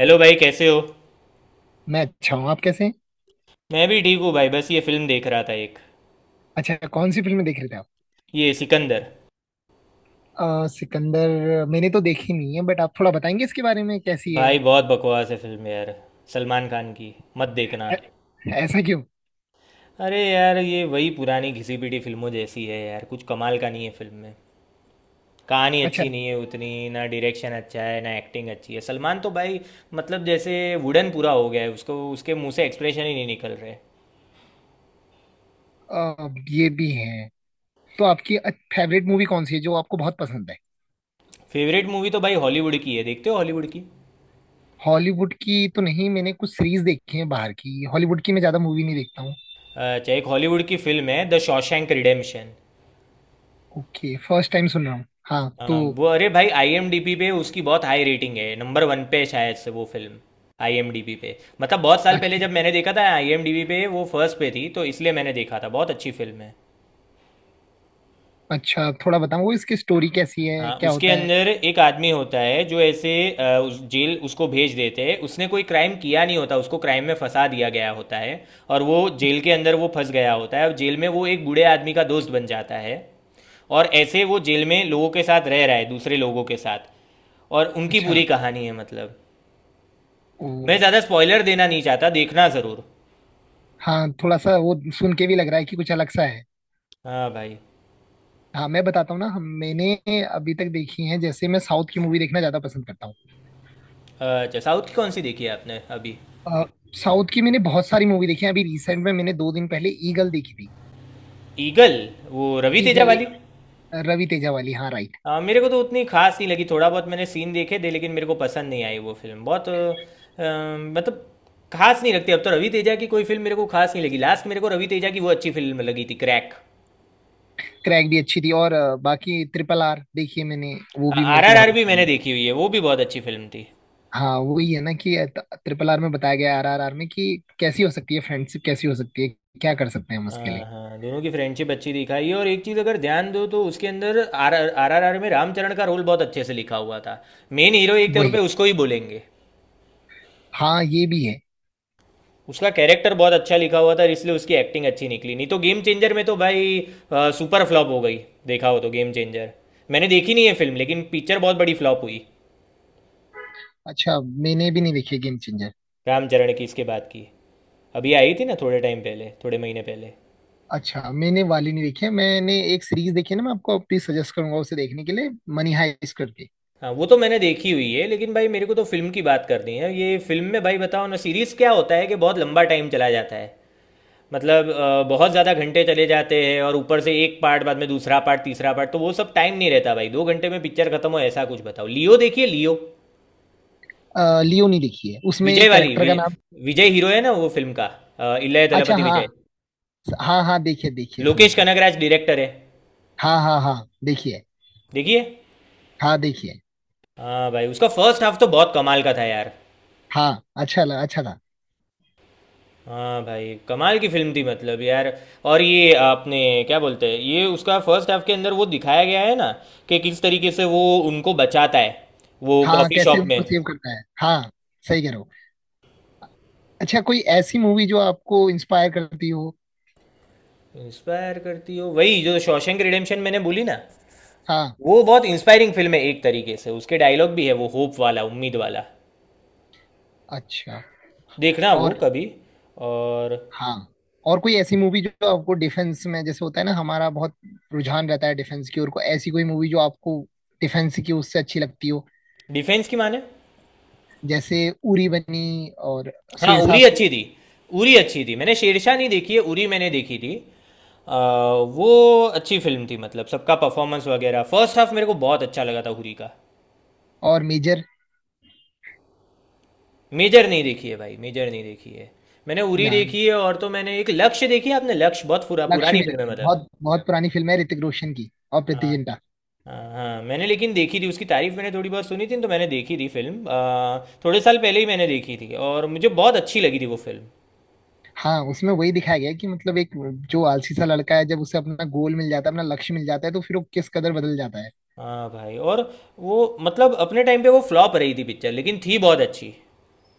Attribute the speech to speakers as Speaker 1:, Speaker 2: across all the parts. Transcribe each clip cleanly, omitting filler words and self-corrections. Speaker 1: Hello भाई कैसे हो।
Speaker 2: मैं अच्छा हूँ। आप कैसे हैं?
Speaker 1: मैं भी ठीक हूँ भाई, बस ये फिल्म देख रहा था एक।
Speaker 2: अच्छा, कौन सी फिल्में देख रहे थे आप?
Speaker 1: ये सिकंदर।
Speaker 2: सिकंदर मैंने तो देखी नहीं है बट आप थोड़ा बताएंगे इसके बारे में कैसी है?
Speaker 1: भाई बहुत बकवास है फिल्म यार। सलमान खान की। मत देखना।
Speaker 2: ऐ- ऐसा क्यों?
Speaker 1: अरे यार ये वही पुरानी घिसी पिटी फिल्मों जैसी है यार, कुछ कमाल का नहीं है फिल्म में। कहानी
Speaker 2: अच्छा।
Speaker 1: अच्छी नहीं है उतनी। ना डायरेक्शन अच्छा है ना एक्टिंग अच्छी है। सलमान तो भाई, मतलब जैसे वुडन पूरा हो गया है उसको, उसके मुंह से एक्सप्रेशन ही नहीं निकल रहे।
Speaker 2: ये भी है। तो आपकी फेवरेट मूवी कौन सी है जो आपको बहुत पसंद है?
Speaker 1: फेवरेट मूवी तो भाई हॉलीवुड की है। देखते हो हॉलीवुड की?
Speaker 2: हॉलीवुड की तो नहीं, मैंने कुछ सीरीज देखी है बाहर की, हॉलीवुड की मैं ज्यादा मूवी नहीं देखता हूँ।
Speaker 1: अच्छा, एक हॉलीवुड की फिल्म है the Shawshank Redemption.
Speaker 2: Okay, first time सुन रहा हूँ। हाँ
Speaker 1: अ,
Speaker 2: तो
Speaker 1: वो, अरे भाई आईएमडीबी पे उसकी बहुत हाई रेटिंग है, नंबर वन पे है शायद से वो फिल्म, आईएमडीबी पे। मतलब बहुत साल पहले
Speaker 2: अच्छा,
Speaker 1: जब मैंने देखा था आईएमडीबी पे वो फर्स्ट पे थी, तो इसलिए मैंने देखा था। बहुत अच्छी फिल्म है।
Speaker 2: अच्छा थोड़ा बताओ इसकी स्टोरी कैसी है,
Speaker 1: हाँ,
Speaker 2: क्या
Speaker 1: उसके
Speaker 2: होता है?
Speaker 1: अंदर एक आदमी होता है जो ऐसे उस जेल उसको भेज देते हैं। उसने कोई क्राइम किया नहीं होता, उसको क्राइम में फंसा दिया गया होता है। और वो जेल के अंदर वो फंस गया होता है, और जेल में वो एक बूढ़े आदमी का दोस्त बन जाता है। और ऐसे वो जेल में लोगों के साथ रह रहा है, दूसरे लोगों के साथ। और उनकी
Speaker 2: अच्छा।
Speaker 1: पूरी कहानी है मतलब।
Speaker 2: ओ।
Speaker 1: मैं ज़्यादा स्पॉइलर देना नहीं चाहता, देखना ज़रूर।
Speaker 2: हाँ, थोड़ा सा वो सुन के भी लग रहा है कि कुछ अलग सा है।
Speaker 1: हाँ भाई।
Speaker 2: हाँ मैं बताता हूँ ना, हम मैंने अभी तक देखी हैं। जैसे, मैं साउथ की मूवी देखना ज्यादा पसंद करता हूँ।
Speaker 1: अच्छा, साउथ की कौन सी देखी है आपने अभी?
Speaker 2: अ, साउथ की मैंने बहुत सारी मूवी देखी है, अभी रिसेंट में मैंने दो दिन पहले ईगल देखी थी।
Speaker 1: ईगल, वो रवि तेजा
Speaker 2: ईगल
Speaker 1: वाली?
Speaker 2: एक रवि तेजा वाली, हाँ राइट।
Speaker 1: हाँ, मेरे को तो उतनी खास नहीं लगी। थोड़ा बहुत मैंने सीन देखे थे लेकिन मेरे को पसंद नहीं आई वो फिल्म। बहुत मतलब खास नहीं लगती। अब तो रवि तेजा की कोई फिल्म मेरे को खास नहीं लगी। लास्ट मेरे को रवि तेजा की वो अच्छी फिल्म लगी थी, क्रैक।
Speaker 2: क्रैक भी अच्छी थी, और बाकी ट्रिपल आर देखी है मैंने। वो भी
Speaker 1: आर
Speaker 2: मेरे को
Speaker 1: आर
Speaker 2: बहुत
Speaker 1: आर भी
Speaker 2: अच्छी
Speaker 1: मैंने
Speaker 2: लगी।
Speaker 1: देखी हुई है, वो भी बहुत अच्छी फिल्म थी।
Speaker 2: हाँ वही है ना, कि ट्रिपल आर में बताया गया, आर आर आर में, कि कैसी हो सकती है फ्रेंडशिप, कैसी हो सकती है, क्या कर सकते हैं हम उसके लिए।
Speaker 1: हाँ हाँ, दोनों की फ्रेंडशिप अच्छी दिखाई है। और एक चीज़ अगर ध्यान दो तो उसके अंदर आर आर आर आर में रामचरण का रोल बहुत अच्छे से लिखा हुआ था। मेन हीरो एक तौर
Speaker 2: वही।
Speaker 1: पे उसको ही बोलेंगे।
Speaker 2: हाँ ये भी है।
Speaker 1: उसका कैरेक्टर बहुत अच्छा लिखा हुआ था, इसलिए उसकी एक्टिंग अच्छी निकली। नहीं तो गेम चेंजर में तो भाई सुपर फ्लॉप हो गई। देखा हो तो गेम चेंजर? मैंने देखी नहीं है फिल्म, लेकिन पिक्चर बहुत बड़ी फ्लॉप हुई।
Speaker 2: अच्छा। मैंने भी नहीं देखी गेम चेंजर।
Speaker 1: रामचरण की इसके बाद की, अभी आई थी ना थोड़े टाइम पहले, थोड़े महीने पहले।
Speaker 2: अच्छा, मैंने वाली नहीं देखी है, मैंने एक सीरीज देखी है ना, मैं आपको प्लीज सजेस्ट करूंगा उसे देखने के लिए, मनी हाइस्ट करके।
Speaker 1: हाँ वो तो मैंने देखी हुई है, लेकिन भाई मेरे को तो फिल्म की बात करनी है। ये फिल्म में भाई बताओ ना। सीरीज क्या होता है कि बहुत लंबा टाइम चला जाता है। मतलब बहुत ज़्यादा घंटे चले जाते हैं, और ऊपर से एक पार्ट, बाद में दूसरा पार्ट, तीसरा पार्ट, तो वो सब टाइम नहीं रहता भाई। दो घंटे में पिक्चर खत्म हो ऐसा कुछ बताओ। लियो देखिए, लियो।
Speaker 2: लियो नहीं देखी है, उसमें
Speaker 1: विजय
Speaker 2: एक
Speaker 1: वाली
Speaker 2: कैरेक्टर
Speaker 1: वि,
Speaker 2: का नाम।
Speaker 1: विजय हीरो है ना वो फिल्म का। इलय
Speaker 2: अच्छा
Speaker 1: दलपति
Speaker 2: हाँ
Speaker 1: विजय।
Speaker 2: हाँ हाँ, देखिए देखिए, समझ
Speaker 1: लोकेश
Speaker 2: गया।
Speaker 1: कनगराज डायरेक्टर है।
Speaker 2: हाँ हाँ हाँ। देखिए।
Speaker 1: देखिए।
Speaker 2: हाँ देखिए।
Speaker 1: हाँ भाई उसका फर्स्ट हाफ तो बहुत कमाल का था यार।
Speaker 2: हाँ, अच्छा लगा, अच्छा था।
Speaker 1: हाँ भाई, कमाल की फिल्म थी मतलब यार। और ये आपने क्या बोलते हैं, ये उसका फर्स्ट हाफ के अंदर वो दिखाया गया है ना कि किस तरीके से वो उनको बचाता है, वो
Speaker 2: हाँ
Speaker 1: कॉफ़ी
Speaker 2: कैसे
Speaker 1: शॉप में।
Speaker 2: उनको सेव करता है, हाँ। सही कह रहे हो। अच्छा, कोई ऐसी मूवी जो आपको इंस्पायर करती हो?
Speaker 1: इंस्पायर करती हो? वही जो शॉशैंक रिडेम्पशन मैंने बोली ना,
Speaker 2: हाँ।
Speaker 1: वो बहुत इंस्पायरिंग फिल्म है। एक तरीके से उसके डायलॉग भी है, वो होप वाला, उम्मीद वाला।
Speaker 2: अच्छा।
Speaker 1: देखना वो
Speaker 2: और।
Speaker 1: कभी। और।
Speaker 2: हाँ। और कोई ऐसी मूवी जो आपको डिफेंस में, जैसे होता है ना, हमारा बहुत रुझान रहता है डिफेंस की ओर को, ऐसी कोई मूवी जो आपको डिफेंस की उससे अच्छी लगती हो?
Speaker 1: डिफेंस की माने?
Speaker 2: जैसे उरी बनी और
Speaker 1: हाँ
Speaker 2: शेरशाह
Speaker 1: उरी अच्छी थी। उरी अच्छी थी। मैंने शेरशाह नहीं देखी है, उरी मैंने देखी थी। आ, वो अच्छी फिल्म थी मतलब, सबका परफॉर्मेंस वगैरह। फर्स्ट हाफ मेरे को बहुत अच्छा लगा था उरी का।
Speaker 2: और मेजर।
Speaker 1: मेजर नहीं देखी है भाई, मेजर नहीं देखी है। मैंने उरी
Speaker 2: न-
Speaker 1: देखी है, और तो मैंने एक लक्ष्य देखी है। आपने लक्ष्य? बहुत
Speaker 2: लक्ष्य
Speaker 1: पुरानी
Speaker 2: भी
Speaker 1: फिल्म है
Speaker 2: देखी,
Speaker 1: मतलब।
Speaker 2: बहुत बहुत पुरानी फिल्म है, ऋतिक रोशन की और प्रीति
Speaker 1: हाँ
Speaker 2: जिंटा।
Speaker 1: हाँ हाँ, मैंने लेकिन देखी थी। उसकी तारीफ मैंने थोड़ी बहुत सुनी थी, तो मैंने देखी थी फिल्म। थोड़े साल पहले ही मैंने देखी थी और मुझे बहुत अच्छी लगी थी वो फिल्म।
Speaker 2: हाँ, उसमें वही दिखाया गया है कि मतलब एक जो आलसी सा लड़का है, जब उसे अपना गोल मिल जाता है, अपना लक्ष्य मिल जाता है, तो फिर वो किस कदर बदल जाता है।
Speaker 1: हाँ भाई, और वो मतलब अपने टाइम पे वो फ्लॉप रही थी पिक्चर, लेकिन थी बहुत अच्छी।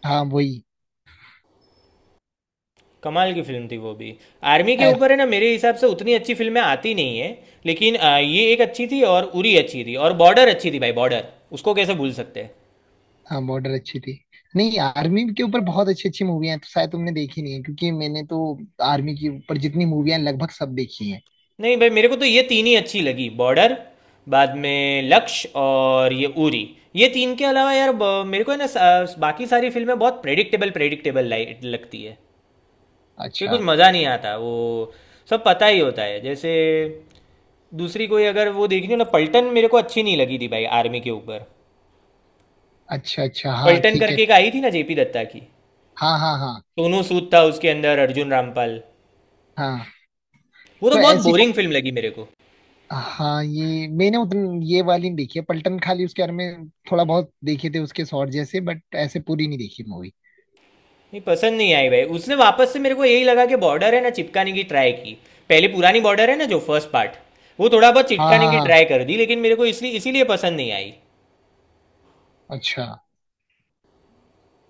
Speaker 2: हाँ वही।
Speaker 1: कमाल की फिल्म थी वो भी। आर्मी के ऊपर है ना, मेरे हिसाब से उतनी अच्छी फिल्में आती नहीं है, लेकिन ये एक अच्छी थी, और उरी अच्छी थी, और बॉर्डर अच्छी थी भाई, बॉर्डर। उसको कैसे भूल सकते हैं।
Speaker 2: हाँ बॉर्डर अच्छी थी। नहीं, आर्मी के ऊपर बहुत अच्छी अच्छी मूवी हैं, तो शायद तुमने देखी नहीं है, क्योंकि मैंने तो आर्मी के ऊपर जितनी मूवियां हैं लगभग सब देखी हैं।
Speaker 1: नहीं भाई, मेरे को तो ये तीन ही अच्छी लगी, बॉर्डर, बाद में लक्ष्य और ये उरी। ये तीन के अलावा यार मेरे को है ना बाकी सारी फिल्में बहुत प्रेडिक्टेबल प्रेडिक्टेबल लगती है, कि कुछ
Speaker 2: अच्छा
Speaker 1: मज़ा नहीं आता। वो सब पता ही होता है जैसे। दूसरी कोई अगर वो देखनी हो ना, पलटन मेरे को अच्छी नहीं लगी थी भाई, आर्मी के ऊपर।
Speaker 2: अच्छा। अच्छा हाँ
Speaker 1: पलटन
Speaker 2: ठीक है।
Speaker 1: करके एक आई थी ना जेपी दत्ता की।
Speaker 2: हाँ हाँ हाँ।
Speaker 1: सोनू सूद था उसके अंदर, अर्जुन रामपाल।
Speaker 2: हाँ,
Speaker 1: वो तो
Speaker 2: तो
Speaker 1: बहुत
Speaker 2: ऐसी
Speaker 1: बोरिंग
Speaker 2: कौन।
Speaker 1: फिल्म लगी मेरे को।
Speaker 2: हाँ, ये मैंने उतन ये वाली नहीं देखी है, पलटन। खाली उसके बारे में थोड़ा बहुत देखे थे, उसके शॉर्ट जैसे, बट ऐसे पूरी नहीं देखी मूवी।
Speaker 1: नहीं पसंद नहीं आई भाई, उसने वापस से मेरे को यही लगा कि बॉर्डर है ना चिपकाने की ट्राई की, पहले पुरानी बॉर्डर है ना जो फर्स्ट पार्ट, वो थोड़ा बहुत
Speaker 2: हाँ
Speaker 1: चिपकाने
Speaker 2: हाँ
Speaker 1: की
Speaker 2: हाँ।
Speaker 1: ट्राई कर दी, लेकिन मेरे को इसलिए इसीलिए पसंद नहीं आई।
Speaker 2: अच्छा,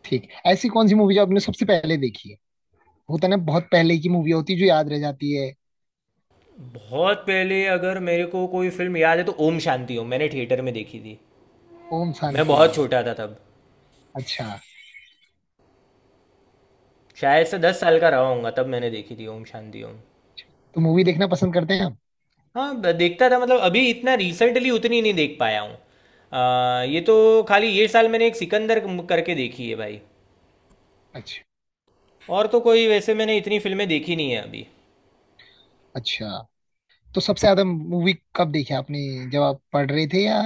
Speaker 2: ठीक। ऐसी कौन सी मूवी जो आपने सबसे पहले देखी है? होता है ना, बहुत पहले की मूवी होती है जो याद रह जाती है।
Speaker 1: बहुत पहले अगर मेरे को कोई फिल्म याद है तो ओम शांति ओम मैंने थिएटर में देखी थी।
Speaker 2: ओम
Speaker 1: मैं
Speaker 2: शांति
Speaker 1: बहुत
Speaker 2: ओम।
Speaker 1: छोटा था तब,
Speaker 2: अच्छा।
Speaker 1: शायद से 10 साल का रहा होऊंगा तब मैंने देखी थी ओम शांति ओम।
Speaker 2: तो मूवी देखना पसंद करते हैं आप?
Speaker 1: हाँ देखता था मतलब, अभी इतना रिसेंटली उतनी नहीं देख पाया हूँ। ये तो खाली ये साल मैंने एक सिकंदर करके देखी है भाई।
Speaker 2: अच्छा।
Speaker 1: और तो कोई वैसे मैंने इतनी फिल्में देखी नहीं है अभी।
Speaker 2: अच्छा, तो सबसे ज्यादा मूवी कब देखी आपने, जब आप पढ़ रहे थे या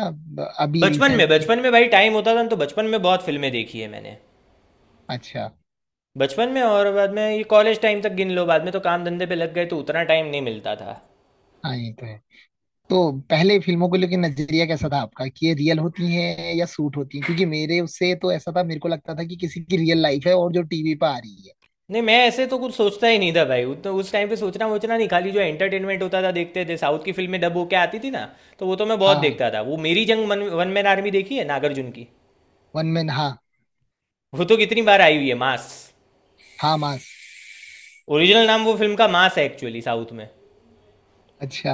Speaker 2: अभी रिसेंट में?
Speaker 1: बचपन में भाई टाइम होता था ना, तो बचपन में बहुत फिल्में देखी है मैंने।
Speaker 2: अच्छा।
Speaker 1: बचपन में और बाद में ये कॉलेज टाइम तक गिन लो, बाद में तो काम धंधे पे लग गए तो उतना टाइम नहीं मिलता था।
Speaker 2: हाँ ये तो है। तो पहले फिल्मों को लेकर नजरिया कैसा था आपका, कि ये रियल होती हैं या सूट होती हैं? क्योंकि मेरे उससे तो ऐसा था, मेरे को लगता था कि किसी की रियल लाइफ है और जो टीवी पर आ रही है।
Speaker 1: नहीं, मैं ऐसे तो कुछ सोचता ही नहीं था भाई, उस टाइम पे सोचना वोचना नहीं, खाली जो एंटरटेनमेंट होता था देखते थे। साउथ की फिल्में डब होके आती थी ना, तो वो तो मैं बहुत
Speaker 2: हाँ।
Speaker 1: देखता था। वो मेरी जंग, वन मैन आर्मी देखी है नागार्जुन की।
Speaker 2: वन मैन, हाँ।
Speaker 1: वो तो कितनी बार आई हुई है, मास।
Speaker 2: हाँ, मास।
Speaker 1: ओरिजिनल नाम वो फिल्म का मास है एक्चुअली साउथ में,
Speaker 2: अच्छा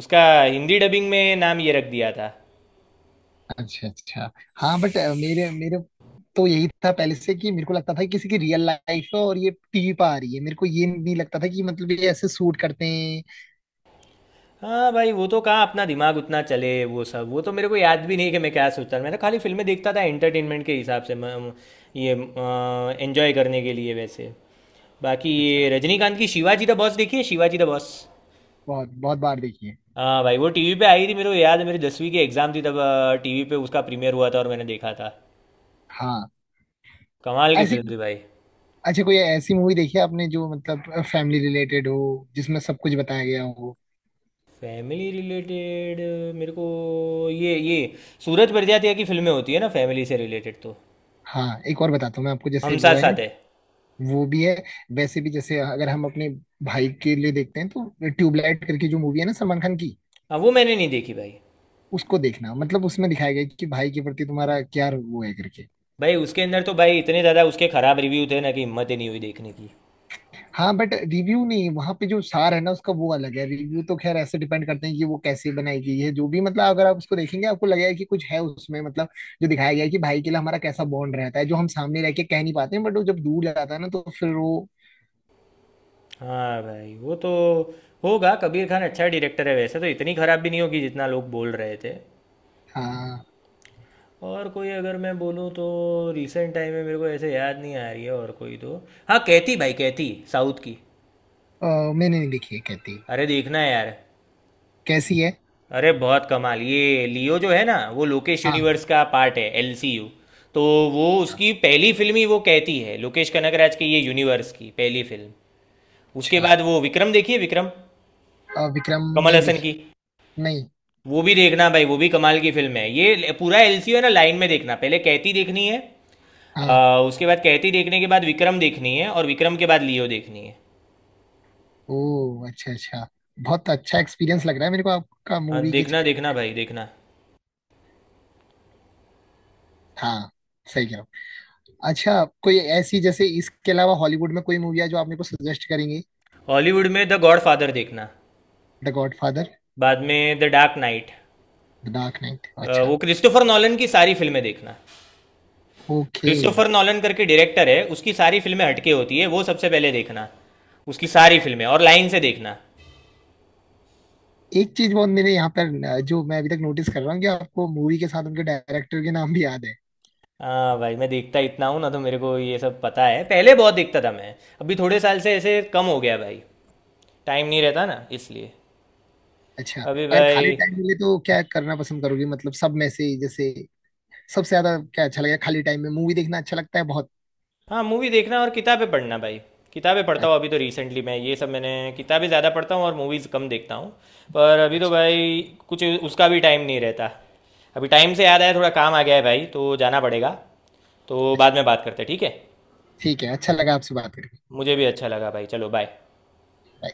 Speaker 1: उसका हिंदी डबिंग में नाम ये रख दिया था।
Speaker 2: अच्छा। अच्छा हाँ बट मेरे मेरे तो यही था पहले से, कि मेरे को लगता था कि किसी की रियल लाइफ है और ये टीवी पर आ रही है, मेरे को ये नहीं लगता था कि मतलब ये ऐसे सूट करते हैं।
Speaker 1: हाँ भाई, वो तो कहाँ अपना दिमाग उतना चले वो सब, वो तो मेरे को याद भी नहीं कि मैं क्या सोचता था। मैं तो खाली फिल्में देखता था एंटरटेनमेंट के हिसाब से। ये एंजॉय करने के लिए वैसे। बाकी
Speaker 2: अच्छा।
Speaker 1: ये रजनीकांत की शिवाजी द बॉस देखी है, शिवाजी द बॉस।
Speaker 2: बहुत बहुत बार देखी है।
Speaker 1: हाँ भाई वो टीवी पे आई थी, मेरे को याद है मेरी दसवीं की एग्ज़ाम थी तब। टीवी पे उसका प्रीमियर हुआ था और मैंने देखा था।
Speaker 2: हाँ।
Speaker 1: कमाल की
Speaker 2: ऐसी।
Speaker 1: फिल्म थी भाई।
Speaker 2: अच्छा, कोई ऐसी मूवी देखी है आपने जो मतलब फैमिली रिलेटेड हो, जिसमें सब कुछ बताया गया हो?
Speaker 1: फैमिली रिलेटेड, मेरे को ये सूरज बड़जात्या की फिल्में होती है ना, फैमिली से रिलेटेड तो।
Speaker 2: हाँ एक और बताता हूँ मैं आपको, जैसे
Speaker 1: हम
Speaker 2: वो
Speaker 1: साथ
Speaker 2: है ना।
Speaker 1: साथ है।
Speaker 2: वो भी है। वैसे भी, जैसे अगर हम अपने भाई के लिए देखते हैं, तो ट्यूबलाइट करके जो मूवी है ना, सलमान खान की,
Speaker 1: हाँ वो मैंने नहीं देखी भाई।
Speaker 2: उसको देखना। मतलब उसमें दिखाया गया है कि भाई के प्रति तुम्हारा क्या वो है करके।
Speaker 1: भाई उसके अंदर तो भाई इतने ज़्यादा उसके ख़राब रिव्यू थे ना, कि हिम्मत ही नहीं हुई देखने की।
Speaker 2: हाँ बट रिव्यू नहीं, वहां पे जो सार है ना उसका, वो अलग है। रिव्यू तो खैर ऐसे डिपेंड करते हैं कि वो कैसे बनाई गई है, जो भी। मतलब अगर आप उसको देखेंगे, आपको लगेगा कि कुछ है उसमें, मतलब जो दिखाया गया है कि भाई के लिए हमारा कैसा बॉन्ड रहता है, जो हम सामने रह के कह नहीं पाते हैं, बट वो जब दूर जाता है ना तो फिर वो।
Speaker 1: हाँ भाई वो तो होगा, कबीर खान अच्छा डायरेक्टर है वैसे, तो इतनी ख़राब भी नहीं होगी जितना लोग बोल रहे थे।
Speaker 2: हाँ।
Speaker 1: और कोई अगर मैं बोलूँ तो रिसेंट टाइम में मेरे को ऐसे याद नहीं आ रही है, और कोई तो। हाँ कैथी, भाई कैथी साउथ की।
Speaker 2: अ, मैंने नहीं देखी है कहती।
Speaker 1: अरे देखना यार।
Speaker 2: कैसी है?
Speaker 1: अरे बहुत कमाल। ये लियो जो है ना वो लोकेश
Speaker 2: हाँ।
Speaker 1: यूनिवर्स का पार्ट है, एलसीयू। तो वो उसकी पहली फिल्म ही वो कहती है, लोकेश कनगराज की ये यूनिवर्स की पहली फिल्म। उसके
Speaker 2: अच्छा।
Speaker 1: बाद वो विक्रम देखिए, विक्रम,
Speaker 2: विक्रम
Speaker 1: कमल
Speaker 2: नहीं
Speaker 1: हसन
Speaker 2: देखी।
Speaker 1: की।
Speaker 2: नहीं।
Speaker 1: वो भी देखना भाई, वो भी कमाल की फिल्म है। ये पूरा एलसीयू है ना लाइन में देखना, पहले कहती देखनी है।
Speaker 2: हाँ।
Speaker 1: उसके बाद कहती देखने के बाद विक्रम देखनी है, और विक्रम के बाद लियो देखनी है।
Speaker 2: ओह अच्छा अच्छा। बहुत अच्छा एक्सपीरियंस लग रहा है मेरे को आपका
Speaker 1: हाँ
Speaker 2: मूवी के
Speaker 1: देखना
Speaker 2: क्षेत्र
Speaker 1: देखना
Speaker 2: में।
Speaker 1: भाई देखना।
Speaker 2: हाँ। सही कह रहा हूँ। अच्छा, कोई ऐसी, जैसे इसके अलावा हॉलीवुड में कोई मूवी है जो आप मेरे को सजेस्ट करेंगे?
Speaker 1: हॉलीवुड में द गॉड फादर देखना,
Speaker 2: द गॉडफादर।
Speaker 1: बाद में the dark knight.
Speaker 2: The dark knight, अच्छा।
Speaker 1: वो क्रिस्टोफर नॉलन की सारी फिल्में देखना।
Speaker 2: ओके।
Speaker 1: क्रिस्टोफर नॉलन करके डायरेक्टर है, उसकी सारी फिल्में हटके होती है, वो सबसे पहले देखना। उसकी सारी फिल्में, और लाइन से देखना।
Speaker 2: एक चीज बहुत मेरे यहाँ पर जो मैं अभी तक नोटिस कर रहा हूँ, कि आपको मूवी के साथ उनके डायरेक्टर के नाम भी याद है।
Speaker 1: हाँ भाई, मैं देखता इतना हूँ ना तो मेरे को ये सब पता है। पहले बहुत देखता था मैं, अभी थोड़े साल से ऐसे कम हो गया भाई, टाइम नहीं रहता ना इसलिए।
Speaker 2: अच्छा।
Speaker 1: अभी
Speaker 2: अगर
Speaker 1: भाई।
Speaker 2: खाली टाइम मिले तो क्या करना पसंद करोगे, मतलब सब में से जैसे सबसे ज्यादा क्या अच्छा लगेगा? खाली टाइम में मूवी देखना अच्छा लगता है बहुत।
Speaker 1: हाँ, मूवी देखना और किताबें पढ़ना भाई। किताबें पढ़ता हूँ
Speaker 2: अच्छा।
Speaker 1: अभी, तो रिसेंटली मैं ये सब मैंने किताबें ज़्यादा पढ़ता हूँ और मूवीज़ कम देखता हूँ। पर अभी तो
Speaker 2: अच्छा।
Speaker 1: भाई कुछ उसका भी टाइम नहीं रहता। अभी टाइम से याद आया, थोड़ा काम आ गया है भाई, तो जाना पड़ेगा। तो बाद
Speaker 2: अच्छा।
Speaker 1: में बात करते हैं, ठीक है?
Speaker 2: ठीक है, अच्छा लगा आपसे बात करके।
Speaker 1: मुझे भी अच्छा लगा भाई, चलो बाय।
Speaker 2: Bye.